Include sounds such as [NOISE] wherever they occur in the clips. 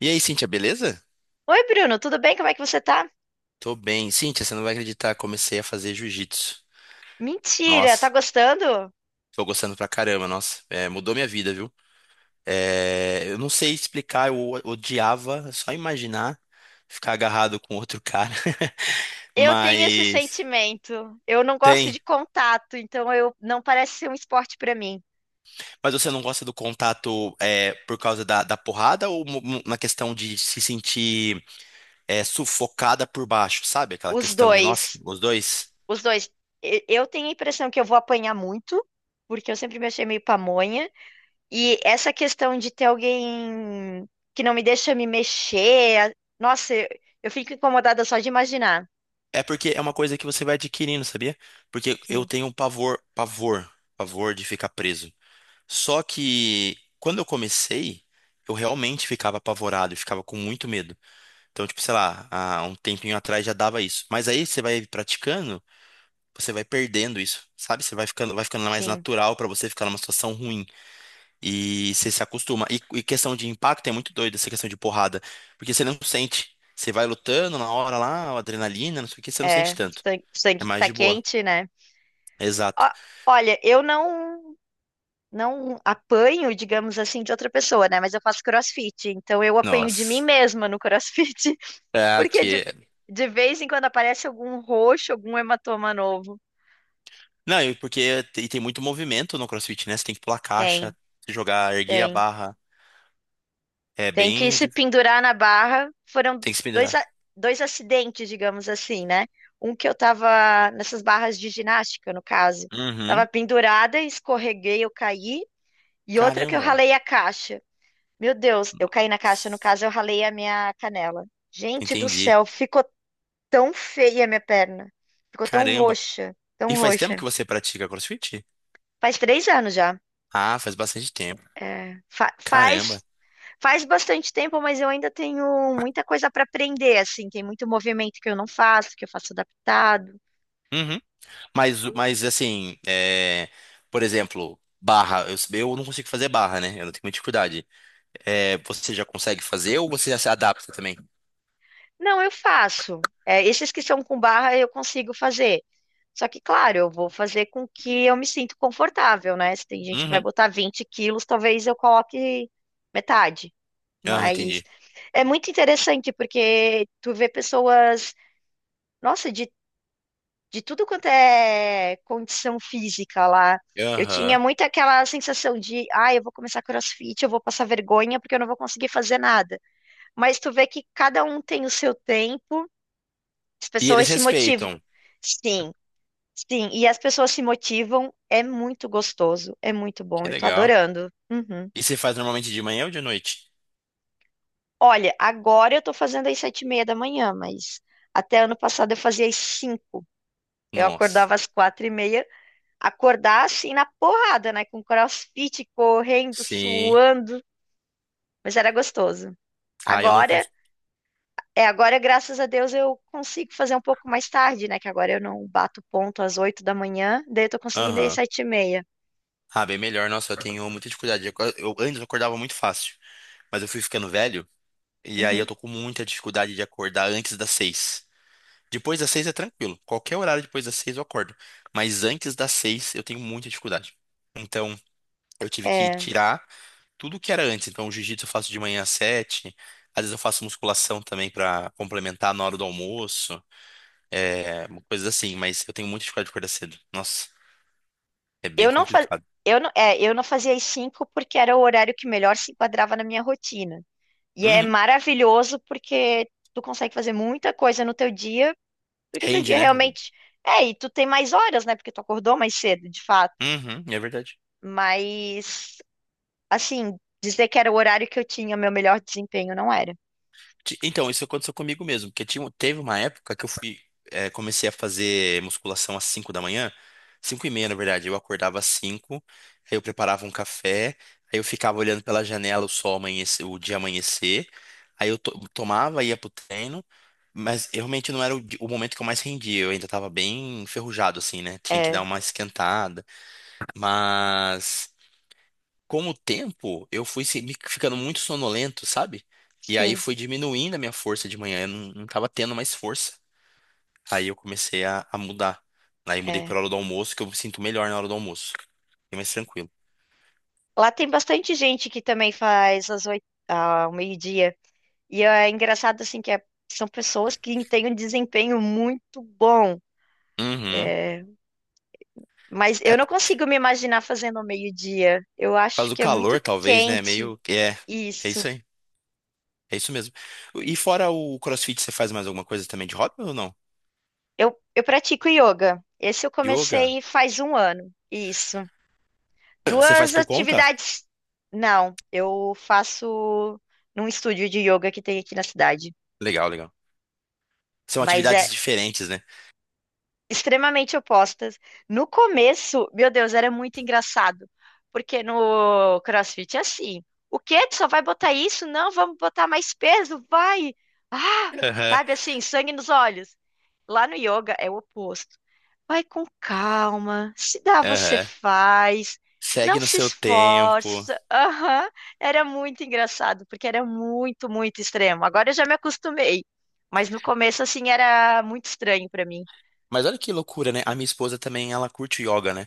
E aí, Cíntia, beleza? Oi, Bruno, tudo bem? Como é que você tá? Tô bem. Cíntia, você não vai acreditar, comecei a fazer jiu-jitsu. Mentira, tá Nossa, gostando? tô gostando pra caramba, nossa. Mudou minha vida, viu? Eu não sei explicar, odiava é só imaginar ficar agarrado com outro cara. [LAUGHS] Eu tenho esse Mas sentimento. Eu não gosto tem. de contato, então eu não parece ser um esporte pra mim. Mas você não gosta do contato por causa da porrada ou na questão de se sentir sufocada por baixo, sabe? Aquela Os questão de, nossa, dois, os dois. os dois. Eu tenho a impressão que eu vou apanhar muito, porque eu sempre me achei meio pamonha. E essa questão de ter alguém que não me deixa me mexer, nossa, eu fico incomodada só de imaginar. É porque é uma coisa que você vai adquirindo, sabia? Porque eu Sim, tenho um pavor, pavor, pavor de ficar preso. Só que quando eu comecei, eu realmente ficava apavorado, eu ficava com muito medo. Então, tipo, sei lá, há um tempinho atrás já dava isso. Mas aí você vai praticando, você vai perdendo isso, sabe? Você vai ficando mais sim, natural pra você ficar numa situação ruim e você se acostuma. E questão de impacto é muito doido essa questão de porrada, porque você não sente. Você vai lutando na hora lá, adrenalina, não sei o que, você não sente é. tanto. Sangue, É sangue que mais tá de boa. quente, né? Exato. Ó, olha, eu não. não apanho, digamos assim, de outra pessoa, né? Mas eu faço CrossFit, então eu apanho de mim Nossa. mesma no CrossFit, [LAUGHS] É, porque de, que... de vez em quando aparece algum roxo, algum hematoma novo. Não, e e tem muito movimento no CrossFit, né? Você tem que pular Tem, caixa, jogar, erguer a tem. barra. É Tem que bem. se pendurar na barra. Foram Tem que se dois, pendurar. a- dois acidentes, digamos assim, né? Um que eu tava nessas barras de ginástica, no caso. Tava Uhum. pendurada, escorreguei, eu caí. E outra que eu Caramba. ralei a caixa. Meu Deus, eu caí na caixa, no caso eu ralei a minha canela. Gente do Entendi. céu, ficou tão feia a minha perna. Ficou tão Caramba. roxa, E tão faz tempo roxa. que você pratica CrossFit? Faz 3 anos já. Ah, faz bastante tempo. É, fa- Caramba. faz, faz bastante tempo, mas eu ainda tenho muita coisa para aprender, assim. Tem muito movimento que eu não faço, que eu faço adaptado. Uhum. Mas, mas assim, é, por exemplo, barra. Eu não consigo fazer barra, né? Eu não tenho muita dificuldade. É, você já consegue fazer ou você já se adapta também? Não, eu faço. É, esses que são com barra eu consigo fazer. Só que, claro, eu vou fazer com que eu me sinto confortável, né? Se tem gente que vai Uhum. botar 20 quilos, talvez eu coloque metade. Aham, Mas entendi. é muito interessante porque tu vê pessoas, nossa, de tudo quanto é condição física lá. Eu tinha Aham. muito aquela sensação de, ah, eu vou começar CrossFit, eu vou passar vergonha porque eu não vou conseguir fazer nada. Mas tu vê que cada um tem o seu tempo, as E eles pessoas se motivam. respeitam. Sim, sim, e as pessoas se motivam, é muito gostoso, é muito bom, Que eu tô legal. adorando. Uhum. E você faz normalmente de manhã ou de noite? Olha, agora eu tô fazendo às 7h30 da manhã, mas até ano passado eu fazia às 5h. Eu Nossa. acordava às 4h30, acordar assim na porrada, né? Com CrossFit, correndo, Sim. suando, mas era gostoso. Ah, eu não Agora, cons... agora, graças a Deus eu consigo fazer um pouco mais tarde, né? Que agora eu não bato ponto às 8h da manhã, daí eu tô conseguindo ir às Aham. 7h30. Ah, bem melhor. Nossa, eu tenho muita dificuldade. Eu, antes eu acordava muito fácil, mas eu fui ficando velho e aí eu Uhum. tô com muita dificuldade de acordar antes das seis. Depois das seis é tranquilo. Qualquer horário depois das seis eu acordo. Mas antes das seis eu tenho muita dificuldade. Então, eu tive que É, tirar tudo que era antes. Então, o jiu-jitsu eu faço de manhã às sete. Às vezes eu faço musculação também pra complementar na hora do almoço. É, uma coisa assim, mas eu tenho muito dificuldade de acordar cedo. Nossa, é bem eu não fa... complicado. eu não, é, eu não fazia às 5h porque era o horário que melhor se enquadrava na minha rotina. E é Uhum. maravilhoso porque tu consegue fazer muita coisa no teu dia, porque teu Rende, dia né? realmente e tu tem mais horas, né? Porque tu acordou mais cedo, de fato. Uhum, é verdade. Mas, assim, dizer que era o horário que eu tinha meu melhor desempenho não era. Então, isso aconteceu comigo mesmo, porque tinha, teve uma época que comecei a fazer musculação às 5 da manhã, 5 e meia, na verdade. Eu acordava às 5, aí eu preparava um café, aí eu ficava olhando pela janela o sol amanhecer, o dia amanhecer, aí tomava, ia pro treino, mas eu realmente não era o momento que eu mais rendia, eu ainda tava bem enferrujado, assim, né? Tinha que dar É, uma esquentada, mas com o tempo, eu fui ficando muito sonolento, sabe? E aí sim, foi diminuindo a minha força de manhã, eu não, não tava tendo mais força. Aí eu comecei a mudar. Aí mudei é. pra hora do almoço, que eu me sinto melhor na hora do almoço. Fiquei mais tranquilo. Lá tem bastante gente que também faz às 8h, ao meio-dia. E é engraçado, assim, são pessoas que têm um desempenho muito bom. Uhum. É, mas É eu não por consigo me imaginar fazendo ao meio-dia. Eu acho causa do que é muito calor, talvez, né? quente Meio que é. É isso. isso aí. É isso mesmo. E fora o CrossFit, você faz mais alguma coisa também de hobby ou não? Eu pratico yoga. Esse eu Yoga? comecei faz um ano. Isso. Você faz Duas por conta? atividades. Não, eu faço num estúdio de yoga que tem aqui na cidade. Legal, legal. São Mas é, atividades diferentes, né? extremamente opostas. No começo, meu Deus, era muito engraçado, porque no CrossFit é assim. O quê? Tu só vai botar isso? Não, vamos botar mais peso, vai! Ah, Aham, sabe assim, sangue nos olhos. Lá no yoga é o oposto. Vai com calma, se dá, você aham. faz, não Segue no se seu tempo. esforça. Aham. Era muito engraçado, porque era muito, muito extremo. Agora eu já me acostumei, mas no começo, assim, era muito estranho para mim. Mas olha que loucura, né? A minha esposa também, ela curte yoga, né?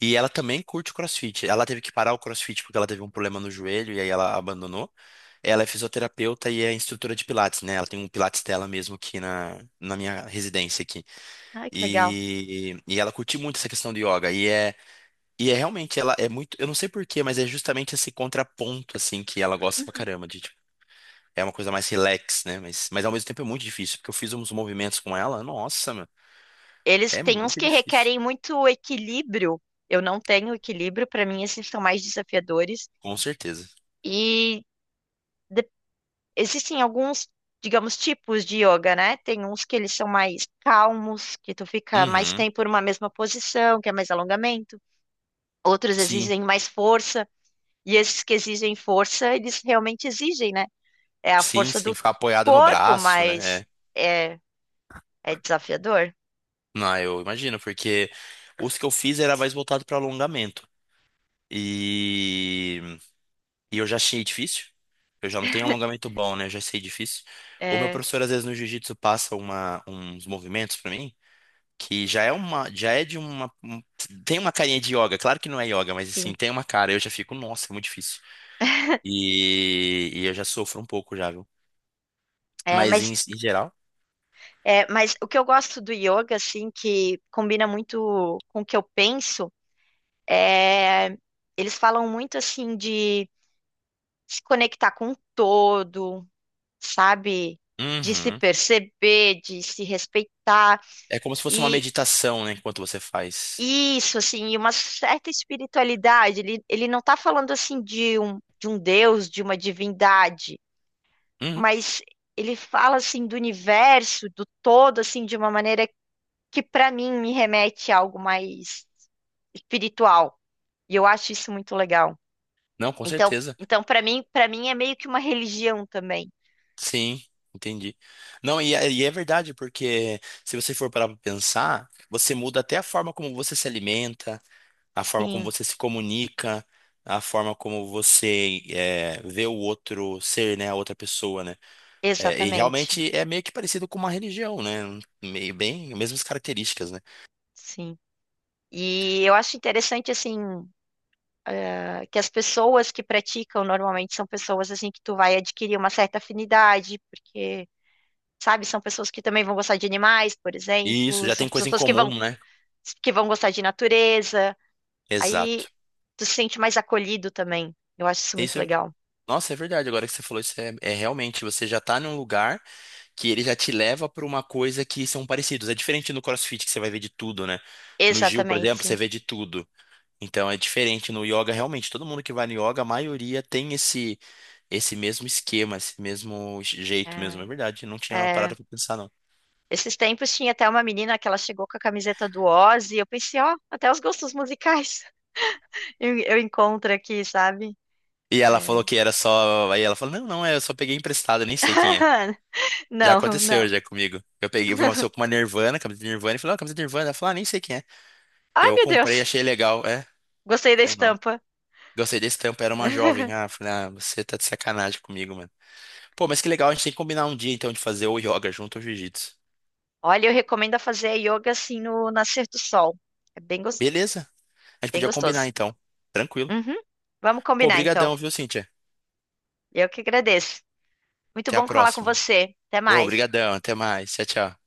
E ela também curte CrossFit. Ela teve que parar o CrossFit porque ela teve um problema no joelho e aí ela abandonou. Ela é fisioterapeuta e é instrutora de Pilates, né? Ela tem um Pilates dela mesmo aqui na minha residência aqui. Ai, que legal. E ela curte muito essa questão do yoga. E é realmente, ela é muito, eu não sei por quê, mas é justamente esse contraponto, assim, que ela gosta pra Uhum. caramba de, tipo, é uma coisa mais relax, né? Mas ao mesmo tempo é muito difícil, porque eu fiz uns movimentos com ela, nossa, meu, Eles é têm uns muito que difícil. requerem muito equilíbrio. Eu não tenho equilíbrio, para mim, esses são mais desafiadores. Com certeza. E de- existem alguns, digamos, tipos de yoga, né? Tem uns que eles são mais calmos, que tu fica mais Uhum. tempo numa mesma posição, que é mais alongamento. Outros Sim, exigem mais força, e esses que exigem força, eles realmente exigem, né? É a sim, força sim, do ficar apoiado no corpo, braço, né? mas É. é, é desafiador. Não, eu imagino, porque os que eu fiz era mais voltado para alongamento. E... e eu já achei difícil. Eu já não tenho alongamento bom, né? Eu já sei difícil. O meu É, professor, às vezes, no jiu-jitsu passa uma... uns movimentos para mim, que já é uma. Já é de uma. Tem uma carinha de yoga. Claro que não é yoga, mas sim. assim, tem uma cara. Eu já fico, nossa, é muito difícil. E eu já sofro um pouco já, viu? É, Mas mas, em geral. mas o que eu gosto do yoga, assim, que combina muito com o que eu penso, é, eles falam muito, assim, de se conectar com o todo, sabe? De se Uhum. perceber, de se respeitar. É como se fosse uma E meditação, né, enquanto você faz. isso, assim, e uma certa espiritualidade. Ele não está falando, assim, de um Deus, de uma divindade, Uhum. mas ele fala, assim, do universo, do todo, assim, de uma maneira que, para mim, me remete a algo mais espiritual. E eu acho isso muito legal. Não, com Então, certeza. então para mim, é meio que uma religião também. Sim, entendi. Não, e é verdade, porque se você for parar para pensar, você muda até a forma como você se alimenta, a forma como Sim, você se comunica, a forma como você vê o outro ser, né, a outra pessoa, né? É, e exatamente. realmente é meio que parecido com uma religião, né? Meio bem, mesmas características, né? Sim. E eu acho interessante assim que as pessoas que praticam normalmente são pessoas assim que tu vai adquirir uma certa afinidade, porque sabe, são pessoas que também vão gostar de animais, por E isso exemplo, já são tem coisa em pessoas que vão comum, né? que vão gostar de natureza. Aí Exato. tu se sente mais acolhido também. Eu acho isso muito Isso é legal. nossa, é verdade. Agora que você falou isso, é realmente você já tá num lugar que ele já te leva para uma coisa que são parecidos. É diferente no CrossFit que você vai ver de tudo, né? No Gil, por exemplo, você Exatamente. vê de tudo. Então é diferente no yoga, realmente. Todo mundo que vai no yoga, a maioria tem esse esse mesmo esquema, esse mesmo jeito mesmo. É É, verdade. Não tinha parado é. pra pensar, não. Esses tempos tinha até uma menina que ela chegou com a camiseta do Oz e eu pensei, ó, até os gostos musicais [LAUGHS] eu encontro aqui, sabe? E ela falou É. que era só. Aí ela falou: Não, não, é, eu só peguei emprestado, eu nem sei quem é. [LAUGHS] Já Não, aconteceu não. já comigo. Eu peguei, eu vi uma pessoa com uma Nirvana, camiseta de Nirvana, e falei: Ó, camiseta de Nirvana. Ela falou: Ah, nem sei quem é. Ai, Eu meu comprei, Deus. achei legal. É. Gostei da Sei não. estampa. Gostei desse tempo era uma jovem. Ah, falei, ah, você tá de sacanagem comigo, mano. Pô, mas que legal, a gente tem que combinar um dia então de fazer ou yoga junto ou jiu-jitsu. Olha, eu recomendo fazer a yoga assim no nascer do sol. É bem, Beleza, a gente bem podia combinar gostoso. então. Tranquilo. Uhum. Vamos Pô, combinar, então. brigadão, viu, Cíntia? Eu que agradeço. Muito Até a bom falar com próxima. você. Até Pô, mais. brigadão, até mais. Tchau, tchau.